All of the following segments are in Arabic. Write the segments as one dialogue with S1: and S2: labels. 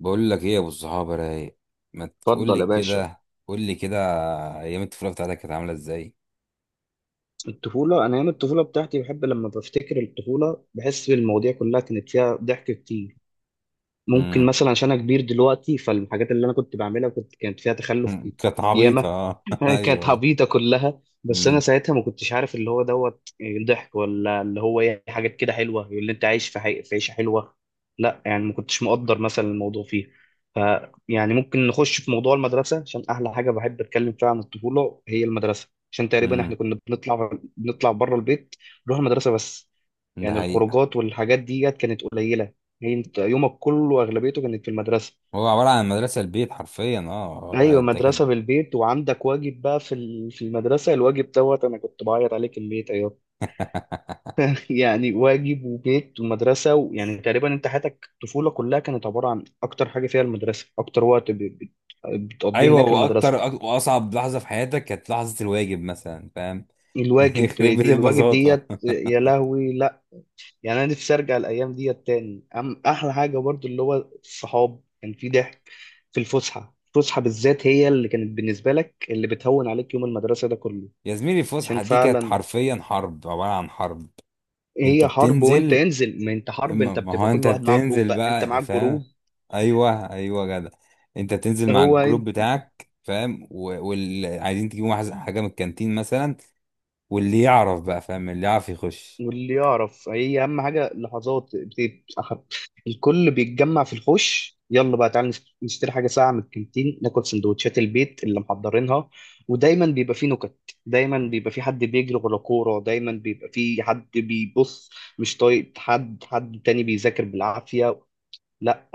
S1: بقول لك ايه يا ابو الصحاب رايق؟ ما تقول
S2: اتفضل
S1: لي
S2: يا باشا.
S1: كده، قول لي كده. ايام الطفوله بتاعتك كانت عامله ازاي؟
S2: الطفولة، أنا أيام الطفولة بتاعتي بحب لما بفتكر الطفولة بحس بالمواضيع كلها كانت فيها ضحك كتير. ممكن
S1: امم
S2: مثلا عشان انا كبير دلوقتي فالحاجات اللي انا كنت بعملها كانت فيها تخلف
S1: كانت عبيطه،
S2: ياما.
S1: اه.
S2: كانت
S1: ايوه ايوه.
S2: عبيطه كلها بس انا
S1: امم
S2: ساعتها ما كنتش عارف اللي هو دوت ضحك ولا اللي هو ايه، حاجات كده حلوه اللي انت عايش في في عيشه حلوه. لا يعني ما كنتش مقدر مثلا الموضوع فيه. ف يعني ممكن نخش في موضوع المدرسه عشان احلى حاجه بحب اتكلم فيها عن الطفوله هي المدرسه، عشان تقريبا
S1: امم
S2: احنا كنا بنطلع بره البيت، نروح المدرسه بس.
S1: ده
S2: يعني
S1: حقيقه.
S2: الخروجات والحاجات ديت كانت قليله، هي انت يومك كله اغلبيته كانت في المدرسه.
S1: هو عباره عن مدرسه البيت حرفيا، اه
S2: ايوه
S1: ده كان.
S2: مدرسه بالبيت وعندك واجب بقى في في المدرسه، الواجب دوت انا كنت بعيط عليه كميه عياط. يعني واجب وبيت ومدرسه، ويعني تقريبا انت حياتك الطفوله كلها كانت عباره عن اكتر حاجه فيها المدرسه، اكتر وقت بتقضيه
S1: ايوه،
S2: هناك المدرسه.
S1: واصعب لحظه في حياتك كانت لحظه الواجب مثلا، فاهم؟
S2: الواجب
S1: يخرب بيت
S2: دي الواجب
S1: البساطه.
S2: ديت يا لهوي لا. يعني انا نفسي ارجع الايام ديت تاني. أم احلى حاجه برضو اللي هو الصحاب، كان في ضحك في الفسحه، الفسحه بالذات هي اللي كانت بالنسبه لك اللي بتهون عليك يوم المدرسه ده كله.
S1: يا زميلي،
S2: عشان
S1: الفسحه دي كانت
S2: فعلا
S1: حرفيا حرب، عباره عن حرب. انت
S2: هي حرب، وانت
S1: بتنزل،
S2: انزل ما انت حرب،
S1: ما
S2: انت
S1: ما هو
S2: بتبقى
S1: انت
S2: كل واحد معاه جروب
S1: بتنزل
S2: بقى، انت
S1: بقى،
S2: معاك
S1: فاهم؟
S2: جروب.
S1: ايوه ايوه جدع. انت بتنزل مع
S2: هو
S1: الجروب بتاعك، فاهم؟ واللي عايزين حاجه من الكانتين مثلا. واللي يعرف بقى، فاهم، اللي يعرف يخش.
S2: واللي يعرف هي اهم حاجه، الكل بيتجمع في الحوش يلا بقى تعالى نشتري حاجه ساعه من الكانتين، ناكل سندوتشات البيت اللي محضرينها. ودايما بيبقى فيه نكت، دايما بيبقى فيه حد بيجري ورا كوره، دايما بيبقى فيه حد بيبص مش طايق حد، حد تاني بيذاكر بالعافيه. لا،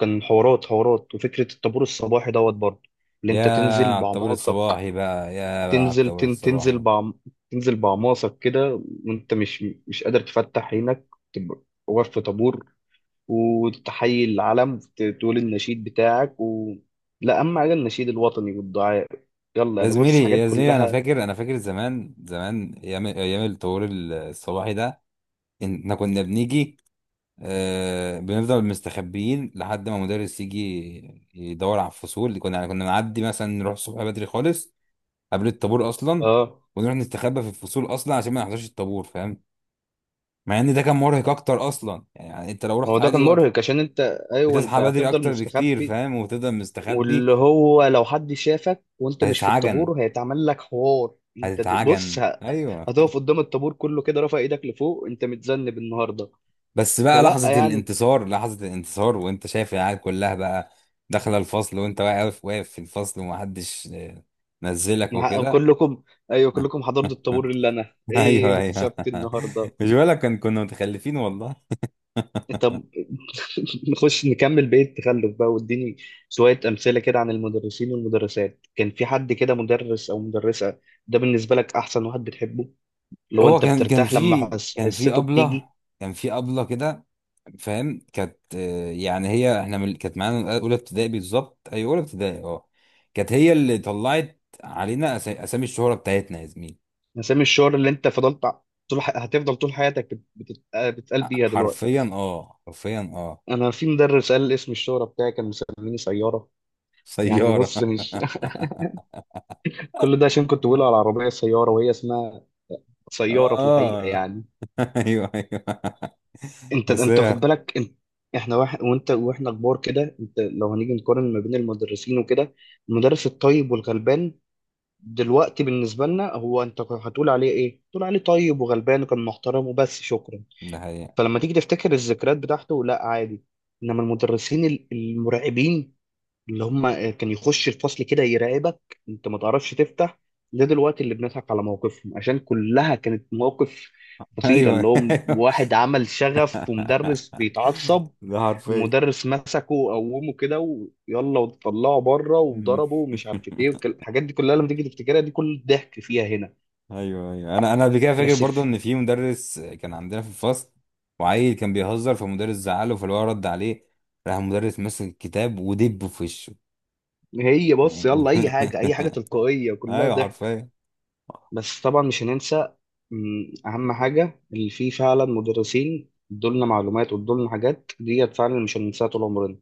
S2: كان حوارات حوارات. وفكره الطابور الصباحي دوت برضه، اللي
S1: يا،
S2: انت تنزل
S1: على الطابور
S2: بعماصك.
S1: الصباحي بقى، يا بقى على
S2: تنزل
S1: الطابور
S2: تن تنزل
S1: الصباحي.
S2: بعم تنزل بعماصك كده وانت مش قادر تفتح عينك، تبقى واقف في طابور وتحيي العلم، تقول النشيد بتاعك لا اهم حاجه النشيد الوطني والدعاء. يلا
S1: يا
S2: يعني بص
S1: زميلي
S2: حاجات
S1: يا زميلي، انا
S2: كلها.
S1: فاكر، انا فاكر زمان زمان، ايام ايام الطابور الصباحي ده. احنا كنا بنيجي، آه، بنفضل مستخبيين لحد ما مدرس يجي يدور على الفصول اللي كنا، يعني كنا نعدي مثلا نروح الصبح بدري خالص قبل الطابور اصلا،
S2: اه.
S1: ونروح نستخبى في الفصول اصلا عشان ما نحضرش الطابور، فاهم؟ مع ان ده كان مرهق اكتر اصلا، يعني انت لو رحت
S2: هو ده كان
S1: عادي وقت
S2: مرهق عشان انت، ايوه انت
S1: بتصحى بدري
S2: هتفضل
S1: اكتر بكتير،
S2: مستخبي.
S1: فاهم، وتفضل مستخبي.
S2: واللي هو لو حد شافك وانت مش في
S1: هتتعجن،
S2: الطابور هيتعمل لك حوار، انت
S1: هتتعجن ايوه.
S2: هتقف قدام الطابور كله كده رافع ايدك لفوق، انت متذنب النهارده.
S1: بس بقى
S2: فلا
S1: لحظة
S2: يعني
S1: الانتصار، لحظة الانتصار وانت شايف العيال كلها بقى داخلة الفصل، وانت واقف، واقف في الفصل، ومحدش آه، نزلك وكده.
S2: كلكم، ايوه كلكم حضرتوا الطابور، اللي انا ايه
S1: ايوه
S2: انا
S1: ايوه.
S2: كسبت النهارده.
S1: مش بقولك كان، كنا متخلفين والله.
S2: طب، نخش نكمل بقية التخلف بقى واديني شوية أمثلة كده عن المدرسين والمدرسات. كان في حد كده مدرس أو مدرسة ده بالنسبة لك أحسن واحد بتحبه، اللي هو
S1: هو
S2: أنت
S1: كان، كان
S2: بترتاح لما
S1: في كان في
S2: حسيته
S1: أبلة،
S2: بتيجي؟
S1: كان في أبلة كده، فاهم؟ كانت آه، يعني هي احنا من كانت معانا اولى ابتدائي، بالظبط ايوه، اولى ابتدائي اه. كانت هي اللي طلعت علينا اسامي الشهرة بتاعتنا يا زميلي.
S2: مسام الشعور اللي أنت هتفضل طول حياتك بتقال بيها دلوقتي.
S1: حرفيا اه، حرفيا اه.
S2: أنا في مدرس قال اسم الشهرة بتاعي، كان مسميني سيارة. يعني
S1: سيارة.
S2: بص مش، كل ده عشان كنت بقول على العربية سيارة، وهي اسمها سيارة في الحقيقة
S1: اه.
S2: يعني.
S1: ايوه ايوه.
S2: انت
S1: بس
S2: انت واخد
S1: هي،
S2: بالك انت، احنا واحد وانت، واحنا كبار كده انت لو هنيجي نقارن ما بين المدرسين وكده، المدرس الطيب والغلبان دلوقتي بالنسبة لنا هو انت هتقول عليه ايه؟ تقول عليه طيب وغلبان وكان محترم وبس شكرا.
S1: ده حقيقة.
S2: فلما تيجي تفتكر الذكريات بتاعته لا عادي. انما المدرسين المرعبين اللي هم كان يخش الفصل كده يراقبك انت ما تعرفش تفتح، ده دلوقتي اللي بنضحك على مواقفهم عشان كلها كانت مواقف فصيلة. اللي
S1: ايوه.
S2: هو واحد عمل شغف ومدرس بيتعصب،
S1: ده حرفيا.
S2: المدرس مسكه وقومه كده ويلا وطلعه بره
S1: مم.
S2: وضربه ومش عارف ايه الحاجات دي كلها لما تيجي تفتكرها دي كل الضحك فيها هنا.
S1: ايوه ايوه. انا قبل كده فاكر
S2: بس
S1: برضو
S2: في-
S1: ان في مدرس كان عندنا في الفصل، وعيل كان بيهزر، فمدرس زعله، فاللي هو رد عليه، راح المدرس ماسك الكتاب ودبه في وشه.
S2: هي بص يلا اي حاجة اي حاجة تلقائية كلها
S1: ايوه
S2: ضحك.
S1: حرفيا.
S2: بس طبعا مش هننسى، مم، أهم حاجة اللي فيه فعلا مدرسين ادولنا معلومات وادولنا حاجات ديت فعلا مش هننساها طول عمرنا،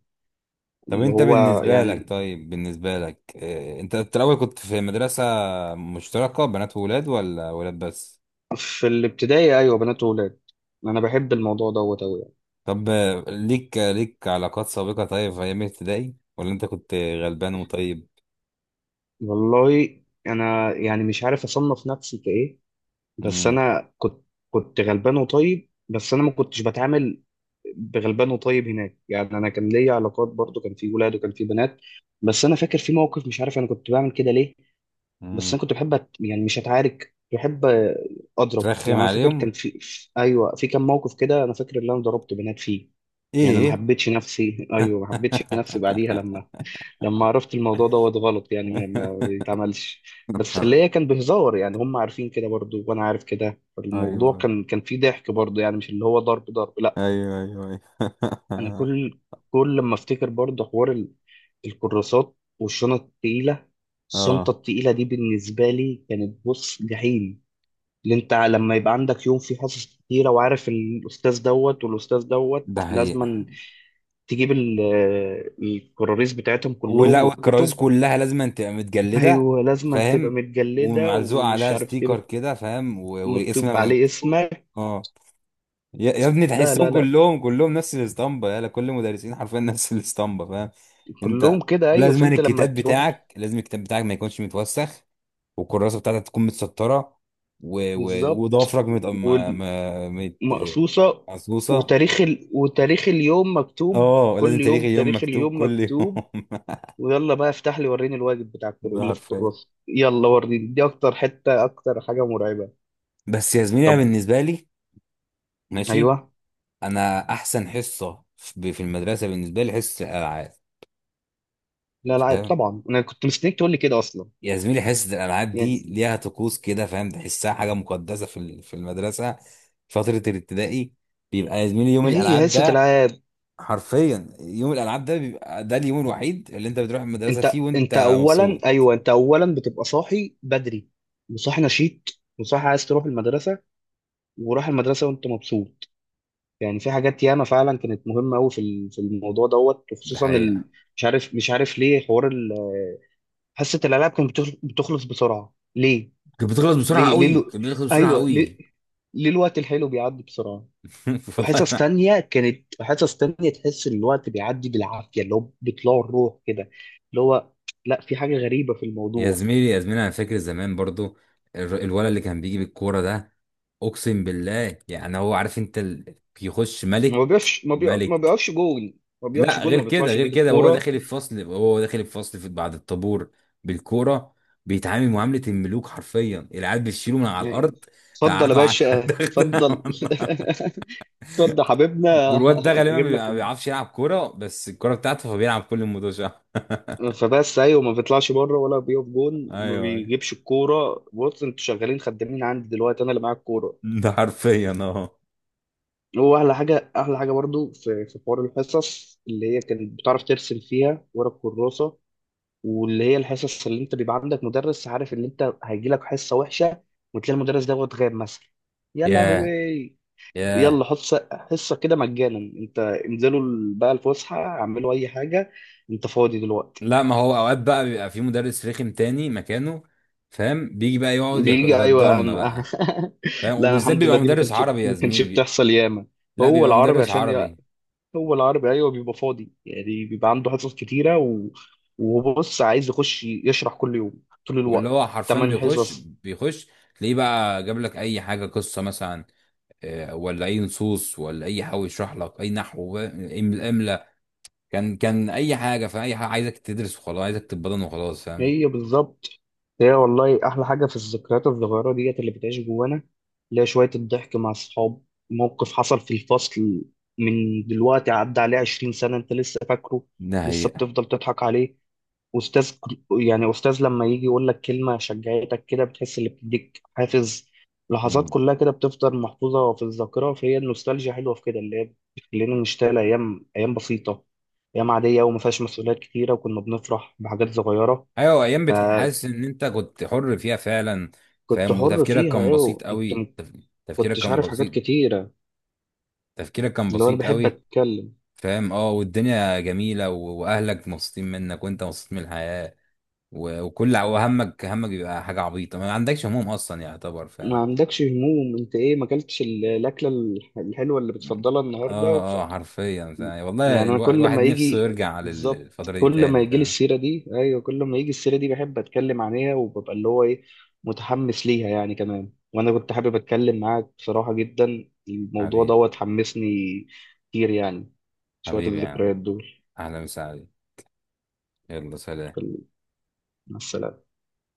S1: طب
S2: اللي
S1: انت
S2: هو
S1: بالنسبه لك،
S2: يعني.
S1: طيب بالنسبه لك آه، انت في الاول كنت في مدرسه مشتركه، بنات وولاد، ولا ولاد بس؟
S2: في الابتدائي أيوة بنات وولاد، أنا بحب الموضوع دوت أوي يعني.
S1: طب آه، ليك، ليك علاقات سابقه طيب في ايام ابتدائي، ولا انت كنت غلبان وطيب؟
S2: والله أنا يعني مش عارف أصنف نفسي كإيه، بس
S1: امم
S2: أنا كنت، كنت غلبان وطيب. بس أنا ما كنتش بتعامل بغلبان وطيب هناك، يعني أنا كان ليا علاقات برضو، كان في ولاد وكان في بنات. بس أنا فاكر في موقف، مش عارف أنا كنت بعمل كده ليه، بس
S1: امم
S2: انا كنت يعني مش اتعارك كنت بحب اضرب.
S1: ترخم
S2: يعني انا فاكر
S1: عليهم،
S2: كان في، ايوه في كام موقف كده انا فاكر ان انا ضربت بنات فيه. يعني ما
S1: ايه؟
S2: حبيتش نفسي، ايوه ما حبيتش نفسي بعديها لما، لما عرفت الموضوع دوت غلط، يعني ما يتعملش. بس اللي هي كان بهزار، يعني هم عارفين كده برضو وانا عارف كده، الموضوع
S1: ايوه ايوه.
S2: كان فيه ضحك برضو، يعني مش اللي هو ضرب ضرب لا.
S1: ايوه ايوه.
S2: انا كل كل لما افتكر برضه حوار الكراسات والشنط التقيله، الشنطه
S1: اه،
S2: التقيله دي بالنسبه لي كانت بص جحيم. اللي انت لما يبقى عندك يوم فيه حصص كتيره وعارف الاستاذ دوت والاستاذ دوت
S1: ده حقيقة.
S2: لازما تجيب الكراريس بتاعتهم
S1: ولا،
S2: كلهم
S1: والكراسي
S2: والكتب.
S1: كلها لازم تبقى متجلدة،
S2: ايوه لازما تبقى
S1: فاهم،
S2: متجلده
S1: ومعلزوق
S2: ومش
S1: عليها
S2: عارف
S1: ستيكر
S2: تبقى
S1: كده، فاهم؟ والاسم
S2: مكتوب عليه
S1: مكتوب،
S2: اسمك.
S1: اه. يا، يا ابني،
S2: لا
S1: تحسهم
S2: لا لا،
S1: كلهم، كلهم نفس الاسطمبة، يلا، كل المدرسين حرفيا نفس الاسطمبة، فاهم؟
S2: كلهم
S1: انت.
S2: كده ايوه،
S1: ولازم
S2: فانت لما
S1: الكتاب
S2: تروح.
S1: بتاعك، لازم الكتاب بتاعك ما يكونش متوسخ، والكراسه بتاعتك تكون متسطره، و... و...
S2: بالظبط،
S1: وضوافرك مت... م... م... مت...
S2: مقصوصة،
S1: مقصوصه.
S2: وتاريخ اليوم مكتوب،
S1: اه، لازم
S2: كل
S1: تاريخ
S2: يوم
S1: اليوم
S2: تاريخ
S1: مكتوب
S2: اليوم
S1: كل يوم.
S2: مكتوب. ويلا بقى افتح لي وريني الواجب بتاع
S1: ده
S2: اللي في
S1: حرفيا.
S2: الكراسة يلا وريني، دي اكتر حتة اكتر حاجة مرعبة.
S1: بس يا زميلي، انا
S2: طب
S1: بالنسبه لي، ماشي،
S2: ايوه،
S1: انا احسن حصه في في المدرسه بالنسبه لي حصه الالعاب،
S2: لا العاب
S1: فاهم؟
S2: طبعا انا كنت مستنيك تقول لي كده اصلا.
S1: يا زميلي، حصه الالعاب
S2: يعني
S1: دي ليها طقوس كده، فاهم، تحسها حاجه مقدسه في المدرسه فتره الابتدائي. بيبقى يا زميلي يوم
S2: هي
S1: الالعاب
S2: هلسة
S1: ده،
S2: العاب،
S1: حرفيا يوم الالعاب ده بيبقى ده اليوم الوحيد اللي انت بتروح المدرسه فيه
S2: انت
S1: وانت
S2: انت اولا،
S1: مبسوط.
S2: ايوه انت اولا بتبقى صاحي بدري، وصاحي نشيط وصاحي عايز تروح المدرسة، وراح المدرسة وانت مبسوط. يعني في حاجات ياما فعلا كانت مهمه قوي في في الموضوع دوت
S1: ده
S2: وخصوصا
S1: حقيقة.
S2: مش عارف ليه حوار حصه الالعاب كانت بتخلص بسرعه ليه؟
S1: كانت بتخلص بسرعة
S2: ليه ليه
S1: قوي،
S2: الو...
S1: كانت بتخلص بسرعة
S2: ايوه
S1: قوي.
S2: ليه، ليه الوقت الحلو بيعدي بسرعه؟
S1: والله
S2: وحصص
S1: ما-
S2: تانية كانت حصص تانية تحس ان الوقت بيعدي بالعافيه اللي هو بيطلعوا الروح كده، اللي هو لا في حاجه غريبه في
S1: يا
S2: الموضوع.
S1: زميلي يا زميلي، انا فاكر زمان برضو الولد اللي كان بيجي بالكورة ده، اقسم بالله، يعني هو عارف انت ال... يخش ملك.
S2: ما
S1: ملك،
S2: بيقفش جول،
S1: لا غير
S2: ما
S1: كده،
S2: بيطلعش
S1: غير
S2: يجيب
S1: كده، وهو
S2: الكوره،
S1: داخل الفصل، وهو داخل الفصل في بعد الطابور بالكورة بيتعامل معاملة الملوك، حرفيا العيال بتشيله من على
S2: يعني
S1: الارض،
S2: اتفضل يا
S1: تقعدوا على
S2: باشا،
S1: الدغدغة.
S2: اتفضل، اتفضل حبيبنا
S1: والواد ده غالبا
S2: اجيب لك.
S1: ما بيعرفش يلعب كوره، بس الكوره بتاعته فبيلعب كل المدوشة.
S2: فبس ايوه ما بيطلعش بره ولا بيقف جون ما
S1: ايوه ايوه،
S2: بيجيبش الكوره، بص انتوا شغالين خدامين عندي دلوقتي انا اللي معايا الكوره.
S1: ده حرفيا اه.
S2: هو احلى حاجه احلى حاجه برضو في حوار الحصص اللي هي كانت بتعرف ترسم فيها ورا الكراسه، واللي هي الحصص اللي انت بيبقى عندك مدرس عارف ان انت هيجي لك حصه وحشه وتلاقي المدرس دوت غاب مثلا. يا لهوي،
S1: ياه،
S2: يلا
S1: ياه.
S2: حصه كده مجانا، انت انزلوا بقى الفسحه اعملوا اي حاجه، انت فاضي دلوقتي.
S1: لا، ما هو اوقات بقى بيبقى في مدرس رخم تاني مكانه، فاهم، بيجي بقى يقعد
S2: بيجي ايوه
S1: يقدرنا
S2: انا،
S1: بقى، فاهم؟
S2: لا انا
S1: وبالذات
S2: الحمد لله
S1: بيبقى
S2: دي ما
S1: مدرس
S2: كانتش،
S1: عربي يا
S2: ما كانتش
S1: زميلي، بي...
S2: بتحصل ياما.
S1: لا،
S2: هو
S1: بيبقى
S2: العربي
S1: مدرس
S2: عشان
S1: عربي.
S2: هو العربي ايوه بيبقى فاضي، يعني بيبقى عنده حصص كتيره، و... وبص عايز يخش يشرح كل يوم طول
S1: واللي
S2: الوقت،
S1: هو حرفيا
S2: تمن
S1: بيخش،
S2: حصص.
S1: بيخش تلاقيه بقى جاب لك اي حاجه، قصه مثلا آه، ولا اي نصوص، ولا اي، حاول يشرح لك اي نحو بقى، املا، كان، كان اي حاجه، في اي حاجه عايزك تدرس وخلاص، عايزك تتبطن وخلاص، فاهم؟
S2: هي بالظبط، هي والله احلى حاجه في الذكريات الصغيره ديت اللي بتعيش جوانا، اللي هي شويه الضحك مع الصحاب، موقف حصل في الفصل من دلوقتي عدى عليه 20 سنه انت لسه فاكره،
S1: ده
S2: لسه
S1: حقيقة.
S2: بتفضل تضحك عليه. استاذ، يعني استاذ لما يجي يقول لك كلمه شجعتك كده بتحس اللي بتديك حافز، لحظات
S1: مم.
S2: كلها كده بتفضل محفوظه في الذاكره. فهي النوستالجيا حلوه في كده اللي هي بتخلينا نشتغل، ايام بسيطه، ايام عاديه وما فيهاش مسؤوليات كتيره وكنا بنفرح بحاجات صغيره.
S1: ايوه، ايام
S2: فكنت
S1: بتحس ان انت كنت حر فيها فعلا، فاهم،
S2: حر
S1: وتفكيرك
S2: فيها
S1: كان بسيط
S2: ايوه، انت ما
S1: قوي، تف... تفكيرك
S2: كنتش
S1: كان
S2: عارف حاجات
S1: بسيط،
S2: كتيره.
S1: تفكيرك كان
S2: اللي هو انا
S1: بسيط
S2: بحب
S1: قوي،
S2: اتكلم،
S1: فاهم، اه، والدنيا جميله و... واهلك مبسوطين منك، وانت مبسوط من الحياه، و... وهمك، همك بيبقى حاجه عبيطه، ما عندكش هموم اصلا يعتبر،
S2: ما
S1: فاهم؟
S2: عندكش هموم، انت ايه ما اكلتش الاكله الحلوه اللي
S1: مم.
S2: بتفضلها النهارده.
S1: اه اه، حرفيا فاهم، والله
S2: يعني انا
S1: الو...
S2: كل
S1: الواحد
S2: ما
S1: نفسه
S2: يجي،
S1: يرجع
S2: بالظبط،
S1: للفتره دي
S2: كل ما
S1: تاني،
S2: يجي لي
S1: فاهم؟
S2: السيره دي، ايوه كل ما يجي السيره دي بحب اتكلم عليها وببقى اللي هو ايه، متحمس ليها يعني كمان. وانا كنت حابب اتكلم معاك بصراحه جدا، الموضوع
S1: حبيبي،
S2: دوت حمسني كتير يعني، شويه
S1: حبيبي يا عم،
S2: الذكريات دول.
S1: أهلا وسهلا، يلا سلام.
S2: مع السلامه.